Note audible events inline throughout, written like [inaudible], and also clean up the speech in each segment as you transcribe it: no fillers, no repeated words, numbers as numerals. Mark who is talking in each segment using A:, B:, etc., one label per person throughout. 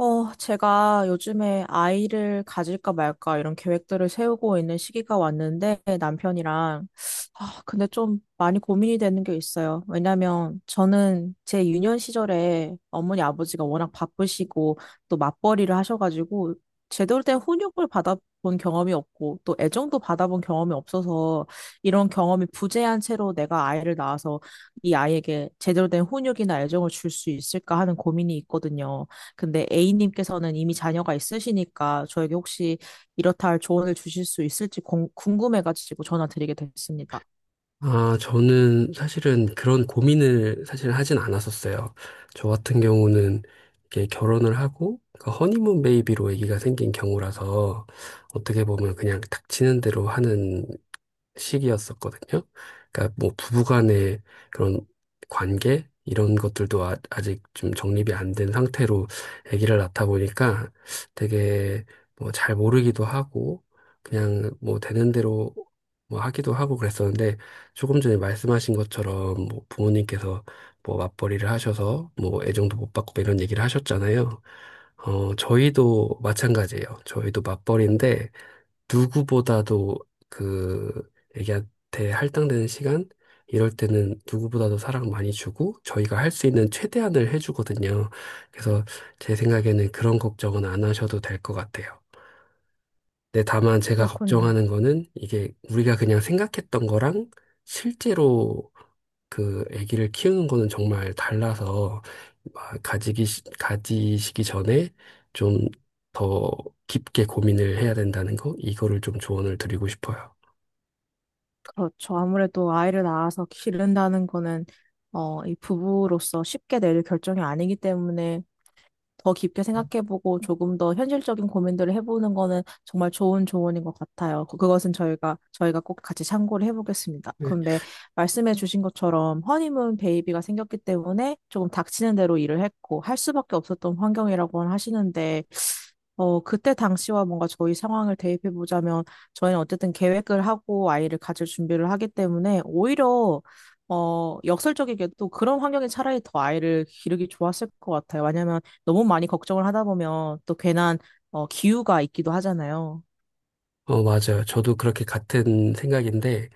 A: 제가 요즘에 아이를 가질까 말까 이런 계획들을 세우고 있는 시기가 왔는데 남편이랑, 아, 근데 좀 많이 고민이 되는 게 있어요. 왜냐면 저는 제 유년 시절에 어머니 아버지가 워낙 바쁘시고 또 맞벌이를 하셔가지고 제대로 된 훈육을 받아본 경험이 없고 또 애정도 받아본 경험이 없어서 이런 경험이 부재한 채로 내가 아이를 낳아서 이 아이에게 제대로 된 훈육이나 애정을 줄 수 있을까 하는 고민이 있거든요. 근데 A님께서는 이미 자녀가 있으시니까 저에게 혹시 이렇다 할 조언을 주실 수 있을지 궁금해가지고 전화 드리게 됐습니다.
B: 아, 저는 사실은 그런 고민을 사실 하진 않았었어요. 저 같은 경우는 이렇게 결혼을 하고 그 허니문 베이비로 아기가 생긴 경우라서 어떻게 보면 그냥 닥치는 대로 하는 시기였었거든요. 그러니까 뭐 부부간의 그런 관계 이런 것들도 아, 아직 좀 정립이 안된 상태로 아기를 낳다 보니까 되게 뭐 잘 모르기도 하고 그냥 뭐 되는 대로 뭐 하기도 하고 그랬었는데 조금 전에 말씀하신 것처럼 뭐 부모님께서 뭐 맞벌이를 하셔서 뭐 애정도 못 받고 뭐 이런 얘기를 하셨잖아요. 저희도 마찬가지예요. 저희도 맞벌이인데 누구보다도 그 애기한테 할당되는 시간, 이럴 때는 누구보다도 사랑 많이 주고 저희가 할 수 있는 최대한을 해주거든요. 그래서 제 생각에는 그런 걱정은 안 하셔도 될 것 같아요. 근데 다만 제가
A: 그렇군요.
B: 걱정하는 거는 이게 우리가 그냥 생각했던 거랑 실제로 그 아기를 키우는 거는 정말 달라서 막 가지시기 전에 좀 더 깊게 고민을 해야 된다는 거 이거를 좀 조언을 드리고 싶어요.
A: 그렇죠. 아무래도 아이를 낳아서 기른다는 거는 이 부부로서 쉽게 내릴 결정이 아니기 때문에 더 깊게 생각해보고 조금 더 현실적인 고민들을 해보는 거는 정말 좋은 조언인 것 같아요. 그것은 저희가 꼭 같이 참고를 해보겠습니다. 그런데 말씀해주신 것처럼 허니문 베이비가 생겼기 때문에 조금 닥치는 대로 일을 했고 할 수밖에 없었던 환경이라고 하시는데, 그때 당시와 뭔가 저희 상황을 대입해 보자면 저희는 어쨌든 계획을 하고 아이를 가질 준비를 하기 때문에 오히려, 역설적이게도 그런 환경이 차라리 더 아이를 기르기 좋았을 것 같아요. 왜냐면 너무 많이 걱정을 하다 보면 또 괜한, 기우가 있기도 하잖아요.
B: 맞아요. 저도 그렇게 같은 생각인데,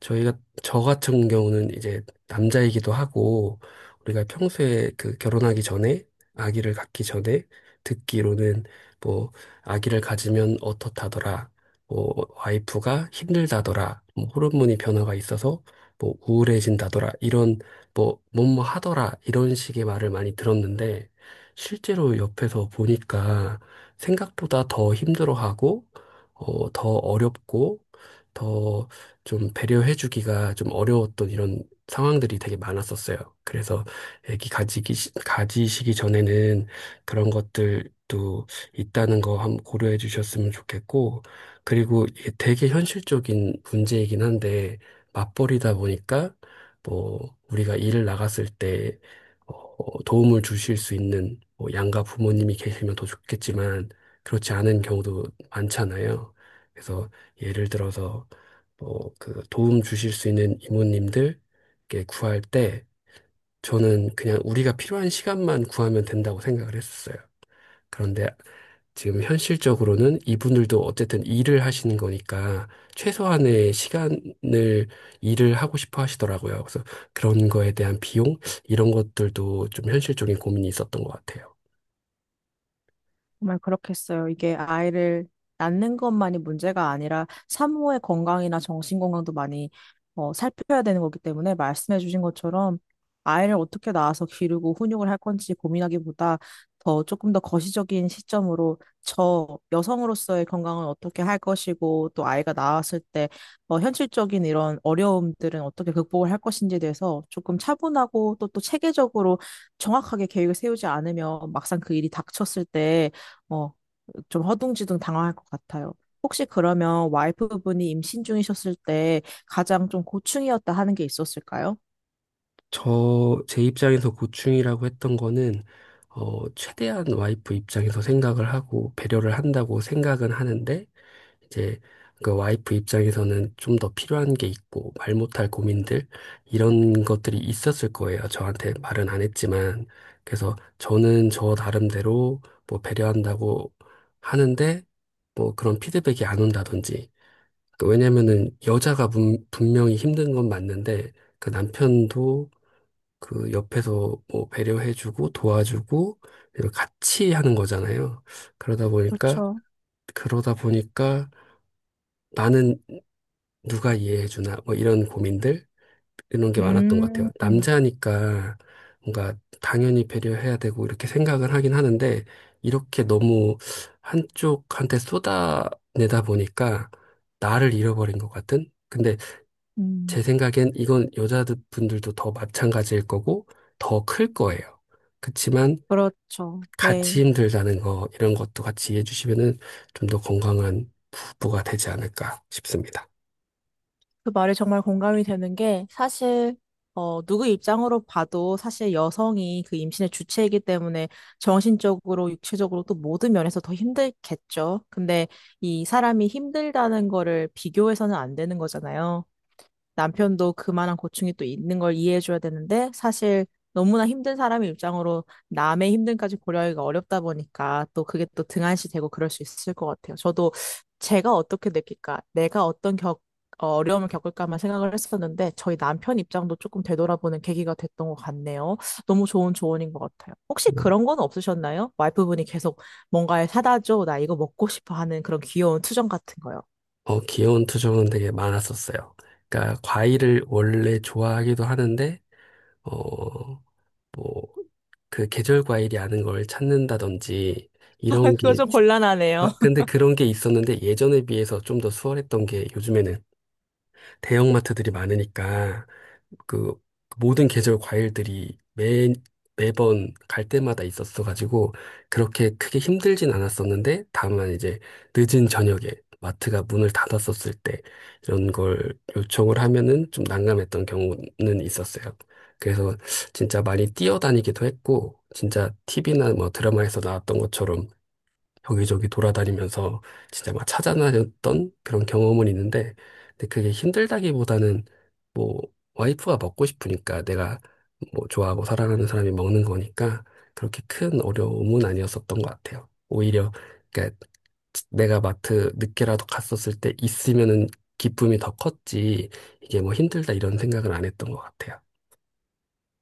B: 저희가, 저 같은 경우는 이제 남자이기도 하고, 우리가 평소에 그 결혼하기 전에, 아기를 갖기 전에 듣기로는 뭐, 아기를 가지면 어떻다더라, 뭐, 와이프가 힘들다더라, 뭐, 호르몬이 변화가 있어서 뭐, 우울해진다더라, 이런 뭐, 뭐뭐 하더라, 이런 식의 말을 많이 들었는데, 실제로 옆에서 보니까 생각보다 더 힘들어하고, 더 어렵고, 더 좀 배려해주기가 좀 어려웠던 이런 상황들이 되게 많았었어요. 그래서 가지시기 전에는 그런 것들도 있다는 거 한번 고려해 주셨으면 좋겠고, 그리고 이게 되게 현실적인 문제이긴 한데, 맞벌이다 보니까, 뭐, 우리가 일을 나갔을 때, 도움을 주실 수 있는 뭐 양가 부모님이 계시면 더 좋겠지만, 그렇지 않은 경우도 많잖아요. 그래서 예를 들어서 뭐 그 도움 주실 수 있는 이모님들께 구할 때 저는 그냥 우리가 필요한 시간만 구하면 된다고 생각을 했었어요. 그런데 지금 현실적으로는 이분들도 어쨌든 일을 하시는 거니까 최소한의 시간을 일을 하고 싶어 하시더라고요. 그래서 그런 거에 대한 비용 이런 것들도 좀 현실적인 고민이 있었던 것 같아요.
A: 정말 그렇겠어요. 이게 아이를 낳는 것만이 문제가 아니라 산모의 건강이나 정신 건강도 많이, 살펴야 되는 거기 때문에 말씀해 주신 것처럼 아이를 어떻게 낳아서 기르고 훈육을 할 건지 고민하기보다 더 조금 더 거시적인 시점으로 저 여성으로서의 건강은 어떻게 할 것이고 또 아이가 나왔을 때, 현실적인 이런 어려움들은 어떻게 극복을 할 것인지에 대해서 조금 차분하고 또 또 체계적으로 정확하게 계획을 세우지 않으면 막상 그 일이 닥쳤을 때, 어, 좀 허둥지둥 당황할 것 같아요. 혹시 그러면 와이프분이 임신 중이셨을 때 가장 좀 고충이었다 하는 게 있었을까요?
B: 저, 제 입장에서 고충이라고 했던 거는, 최대한 와이프 입장에서 생각을 하고 배려를 한다고 생각은 하는데, 이제 그 와이프 입장에서는 좀 더 필요한 게 있고, 말 못할 고민들, 이런 것들이 있었을 거예요. 저한테 말은 안 했지만. 그래서 저는 저 나름대로 뭐 배려한다고 하는데, 뭐 그런 피드백이 안 온다든지. 그 왜냐면은 분명히 힘든 건 맞는데, 그 남편도 그 옆에서 뭐 배려해주고 도와주고 이렇게 같이 하는 거잖아요. 그러다 보니까
A: 그렇죠.
B: 그러다 보니까 나는 누가 이해해주나 뭐 이런 고민들 이런 게 많았던 것
A: 음.
B: 같아요. 남자니까 뭔가 당연히 배려해야 되고 이렇게 생각을 하긴 하는데 이렇게 너무 한쪽한테 쏟아내다 보니까 나를 잃어버린 것 같은? 근데
A: 음.
B: 제 생각엔 이건 여자분들도 더 마찬가지일 거고 더 클 거예요. 그치만
A: 그렇죠.
B: 같이
A: 네.
B: 힘들다는 거, 이런 것도 같이 이해해 주시면은 좀 더 건강한 부부가 되지 않을까 싶습니다.
A: 그 말에 정말 공감이 되는 게 사실 누구 입장으로 봐도 사실 여성이 그 임신의 주체이기 때문에 정신적으로 육체적으로 또 모든 면에서 더 힘들겠죠. 근데 이 사람이 힘들다는 거를 비교해서는 안 되는 거잖아요. 남편도 그만한 고충이 또 있는 걸 이해해줘야 되는데, 사실 너무나 힘든 사람의 입장으로 남의 힘듦까지 고려하기가 어렵다 보니까 또 그게 또 등한시 되고 그럴 수 있을 것 같아요. 저도 제가 어떻게 느낄까, 내가 어떤 어려움을 겪을까만 생각을 했었는데 저희 남편 입장도 조금 되돌아보는 계기가 됐던 것 같네요. 너무 좋은 조언인 것 같아요. 혹시 그런 건 없으셨나요? 와이프분이 계속 뭔가를 사다 줘, 나 이거 먹고 싶어 하는 그런 귀여운 투정 같은 거요.
B: 귀여운 투정은 되게 많았었어요. 그러니까 과일을 원래 좋아하기도 하는데, 어, 뭐, 그 계절 과일이 아닌 걸 찾는다든지,
A: [laughs]
B: 이런
A: 그거
B: 게
A: 좀 곤란하네요.
B: 아, 근데 그런 게 있었는데 예전에 비해서 좀 더 수월했던 게 요즘에는 대형마트들이 많으니까 그 모든 계절 과일들이 매번 갈 때마다 있었어가지고 그렇게 크게 힘들진 않았었는데 다만 이제 늦은 저녁에 마트가 문을 닫았었을 때 이런 걸 요청을 하면은 좀 난감했던 경우는 있었어요. 그래서 진짜 많이 뛰어다니기도 했고 진짜 TV나 뭐 드라마에서 나왔던 것처럼 여기저기 돌아다니면서 진짜 막 찾아다녔던 그런 경험은 있는데, 근데 그게 힘들다기보다는 뭐 와이프가 먹고 싶으니까 내가 뭐 좋아하고 사랑하는 사람이 먹는 거니까 그렇게 큰 어려움은 아니었었던 것 같아요. 오히려 그러니까 내가 마트 늦게라도 갔었을 때 있으면은 기쁨이 더 컸지 이게 뭐 힘들다 이런 생각을 안 했던 것 같아요.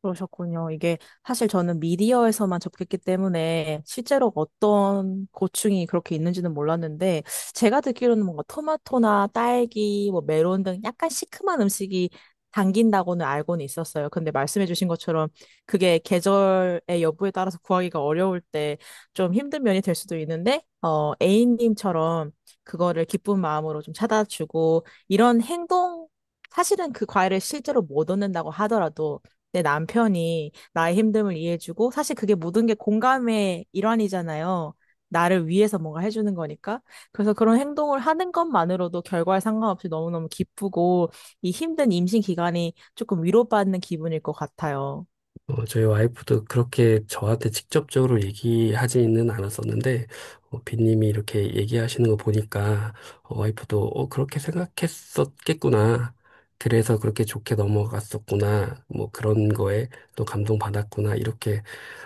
A: 그러셨군요. 이게 사실 저는 미디어에서만 접했기 때문에 실제로 어떤 고충이 그렇게 있는지는 몰랐는데, 제가 듣기로는 뭔가 토마토나 딸기, 뭐 메론 등 약간 시큼한 음식이 당긴다고는 알고는 있었어요. 근데 말씀해주신 것처럼 그게 계절의 여부에 따라서 구하기가 어려울 때 좀 힘든 면이 될 수도 있는데, A님처럼 그거를 기쁜 마음으로 좀 찾아주고 이런 행동, 사실은 그 과일을 실제로 못 얻는다고 하더라도 내 남편이 나의 힘듦을 이해해주고, 사실 그게 모든 게 공감의 일환이잖아요. 나를 위해서 뭔가 해주는 거니까. 그래서 그런 행동을 하는 것만으로도 결과에 상관없이 너무너무 기쁘고, 이 힘든 임신 기간이 조금 위로받는 기분일 것 같아요.
B: 저희 와이프도 그렇게 저한테 직접적으로 얘기하지는 않았었는데, 빈님이 이렇게 얘기하시는 거 보니까, 와이프도, 그렇게 생각했었겠구나. 그래서 그렇게 좋게 넘어갔었구나. 뭐 그런 거에 또 감동받았구나. 이렇게,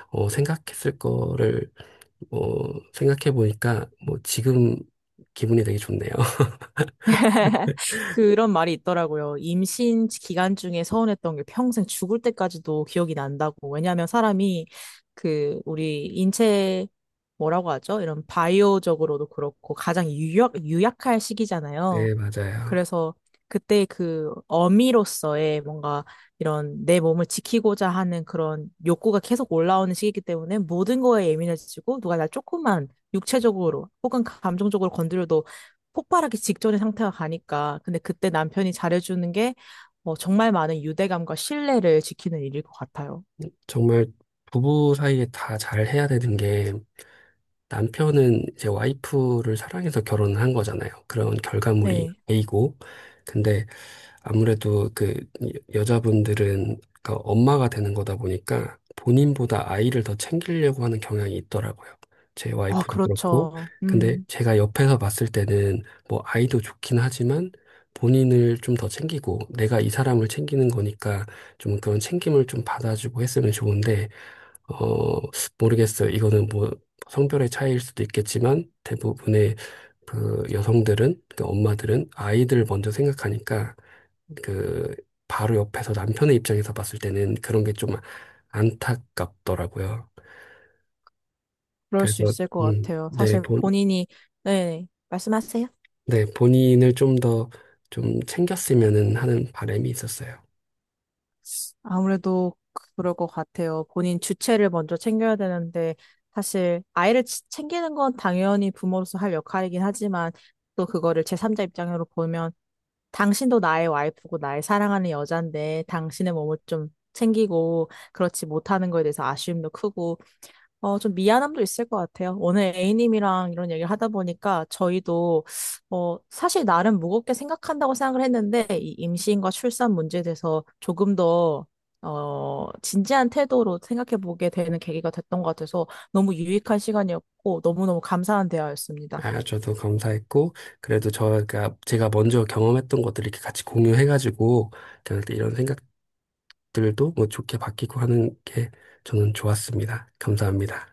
B: 생각했을 거를, 어, 생각해 보니까, 뭐 지금 기분이 되게 좋네요. [laughs]
A: [laughs] 그런 말이 있더라고요. 임신 기간 중에 서운했던 게 평생 죽을 때까지도 기억이 난다고. 왜냐하면 사람이 그 우리 인체 뭐라고 하죠? 이런 바이오적으로도 그렇고 가장 유약할 시기잖아요.
B: 네, 맞아요.
A: 그래서 그때 그 어미로서의 뭔가 이런 내 몸을 지키고자 하는 그런 욕구가 계속 올라오는 시기이기 때문에 모든 거에 예민해지고 누가 날 조금만 육체적으로 혹은 감정적으로 건드려도 폭발하기 직전의 상태가 가니까. 근데 그때 남편이 잘해주는 게 정말 많은 유대감과 신뢰를 지키는 일일 것 같아요.
B: 정말 부부 사이에 다 잘해야 되는 게, 남편은 제 와이프를 사랑해서 결혼을 한 거잖아요. 그런 결과물이
A: 네.
B: A고, 근데 아무래도 그 자분들은 그러니까 엄마가 되는 거다 보니까 본인보다 아이를 더 챙기려고 하는 경향이 있더라고요. 제
A: 아,
B: 와이프도 그렇고.
A: 그렇죠.
B: 근데 제가 옆에서 봤을 때는 뭐 아이도 좋긴 하지만 본인을 좀 더 챙기고 내가 이 사람을 챙기는 거니까 좀 그런 챙김을 좀 받아주고 했으면 좋은데 어, 모르겠어요. 이거는 뭐 성별의 차이일 수도 있겠지만 대부분의 그 여성들은, 그 엄마들은 아이들 먼저 생각하니까 그 바로 옆에서 남편의 입장에서 봤을 때는 그런 게 좀 안타깝더라고요.
A: 그럴 수
B: 그래서
A: 있을 것
B: 음,
A: 같아요.
B: 네,
A: 사실
B: 본,
A: 본인이, 네, 말씀하세요.
B: 네, 본인을 좀 더 좀 챙겼으면 하는 바람이 있었어요.
A: 아무래도 그럴 것 같아요. 본인 주체를 먼저 챙겨야 되는데, 사실 아이를 챙기는 건 당연히 부모로서 할 역할이긴 하지만, 또 그거를 제3자 입장으로 보면, 당신도 나의 와이프고 나의 사랑하는 여잔데, 당신의 몸을 좀 챙기고, 그렇지 못하는 거에 대해서 아쉬움도 크고, 좀 미안함도 있을 것 같아요. 오늘 A님이랑 이런 얘기를 하다 보니까 저희도, 사실 나름 무겁게 생각한다고 생각을 했는데, 이 임신과 출산 문제에 대해서 조금 더, 진지한 태도로 생각해 보게 되는 계기가 됐던 것 같아서 너무 유익한 시간이었고, 너무너무 감사한 대화였습니다.
B: 아, 저도 감사했고 그래도 저가 제가 먼저 경험했던 것들 이렇게 같이 공유해가지고 그냥 이런 생각들도 뭐 좋게 바뀌고 하는 게 저는 좋았습니다. 감사합니다.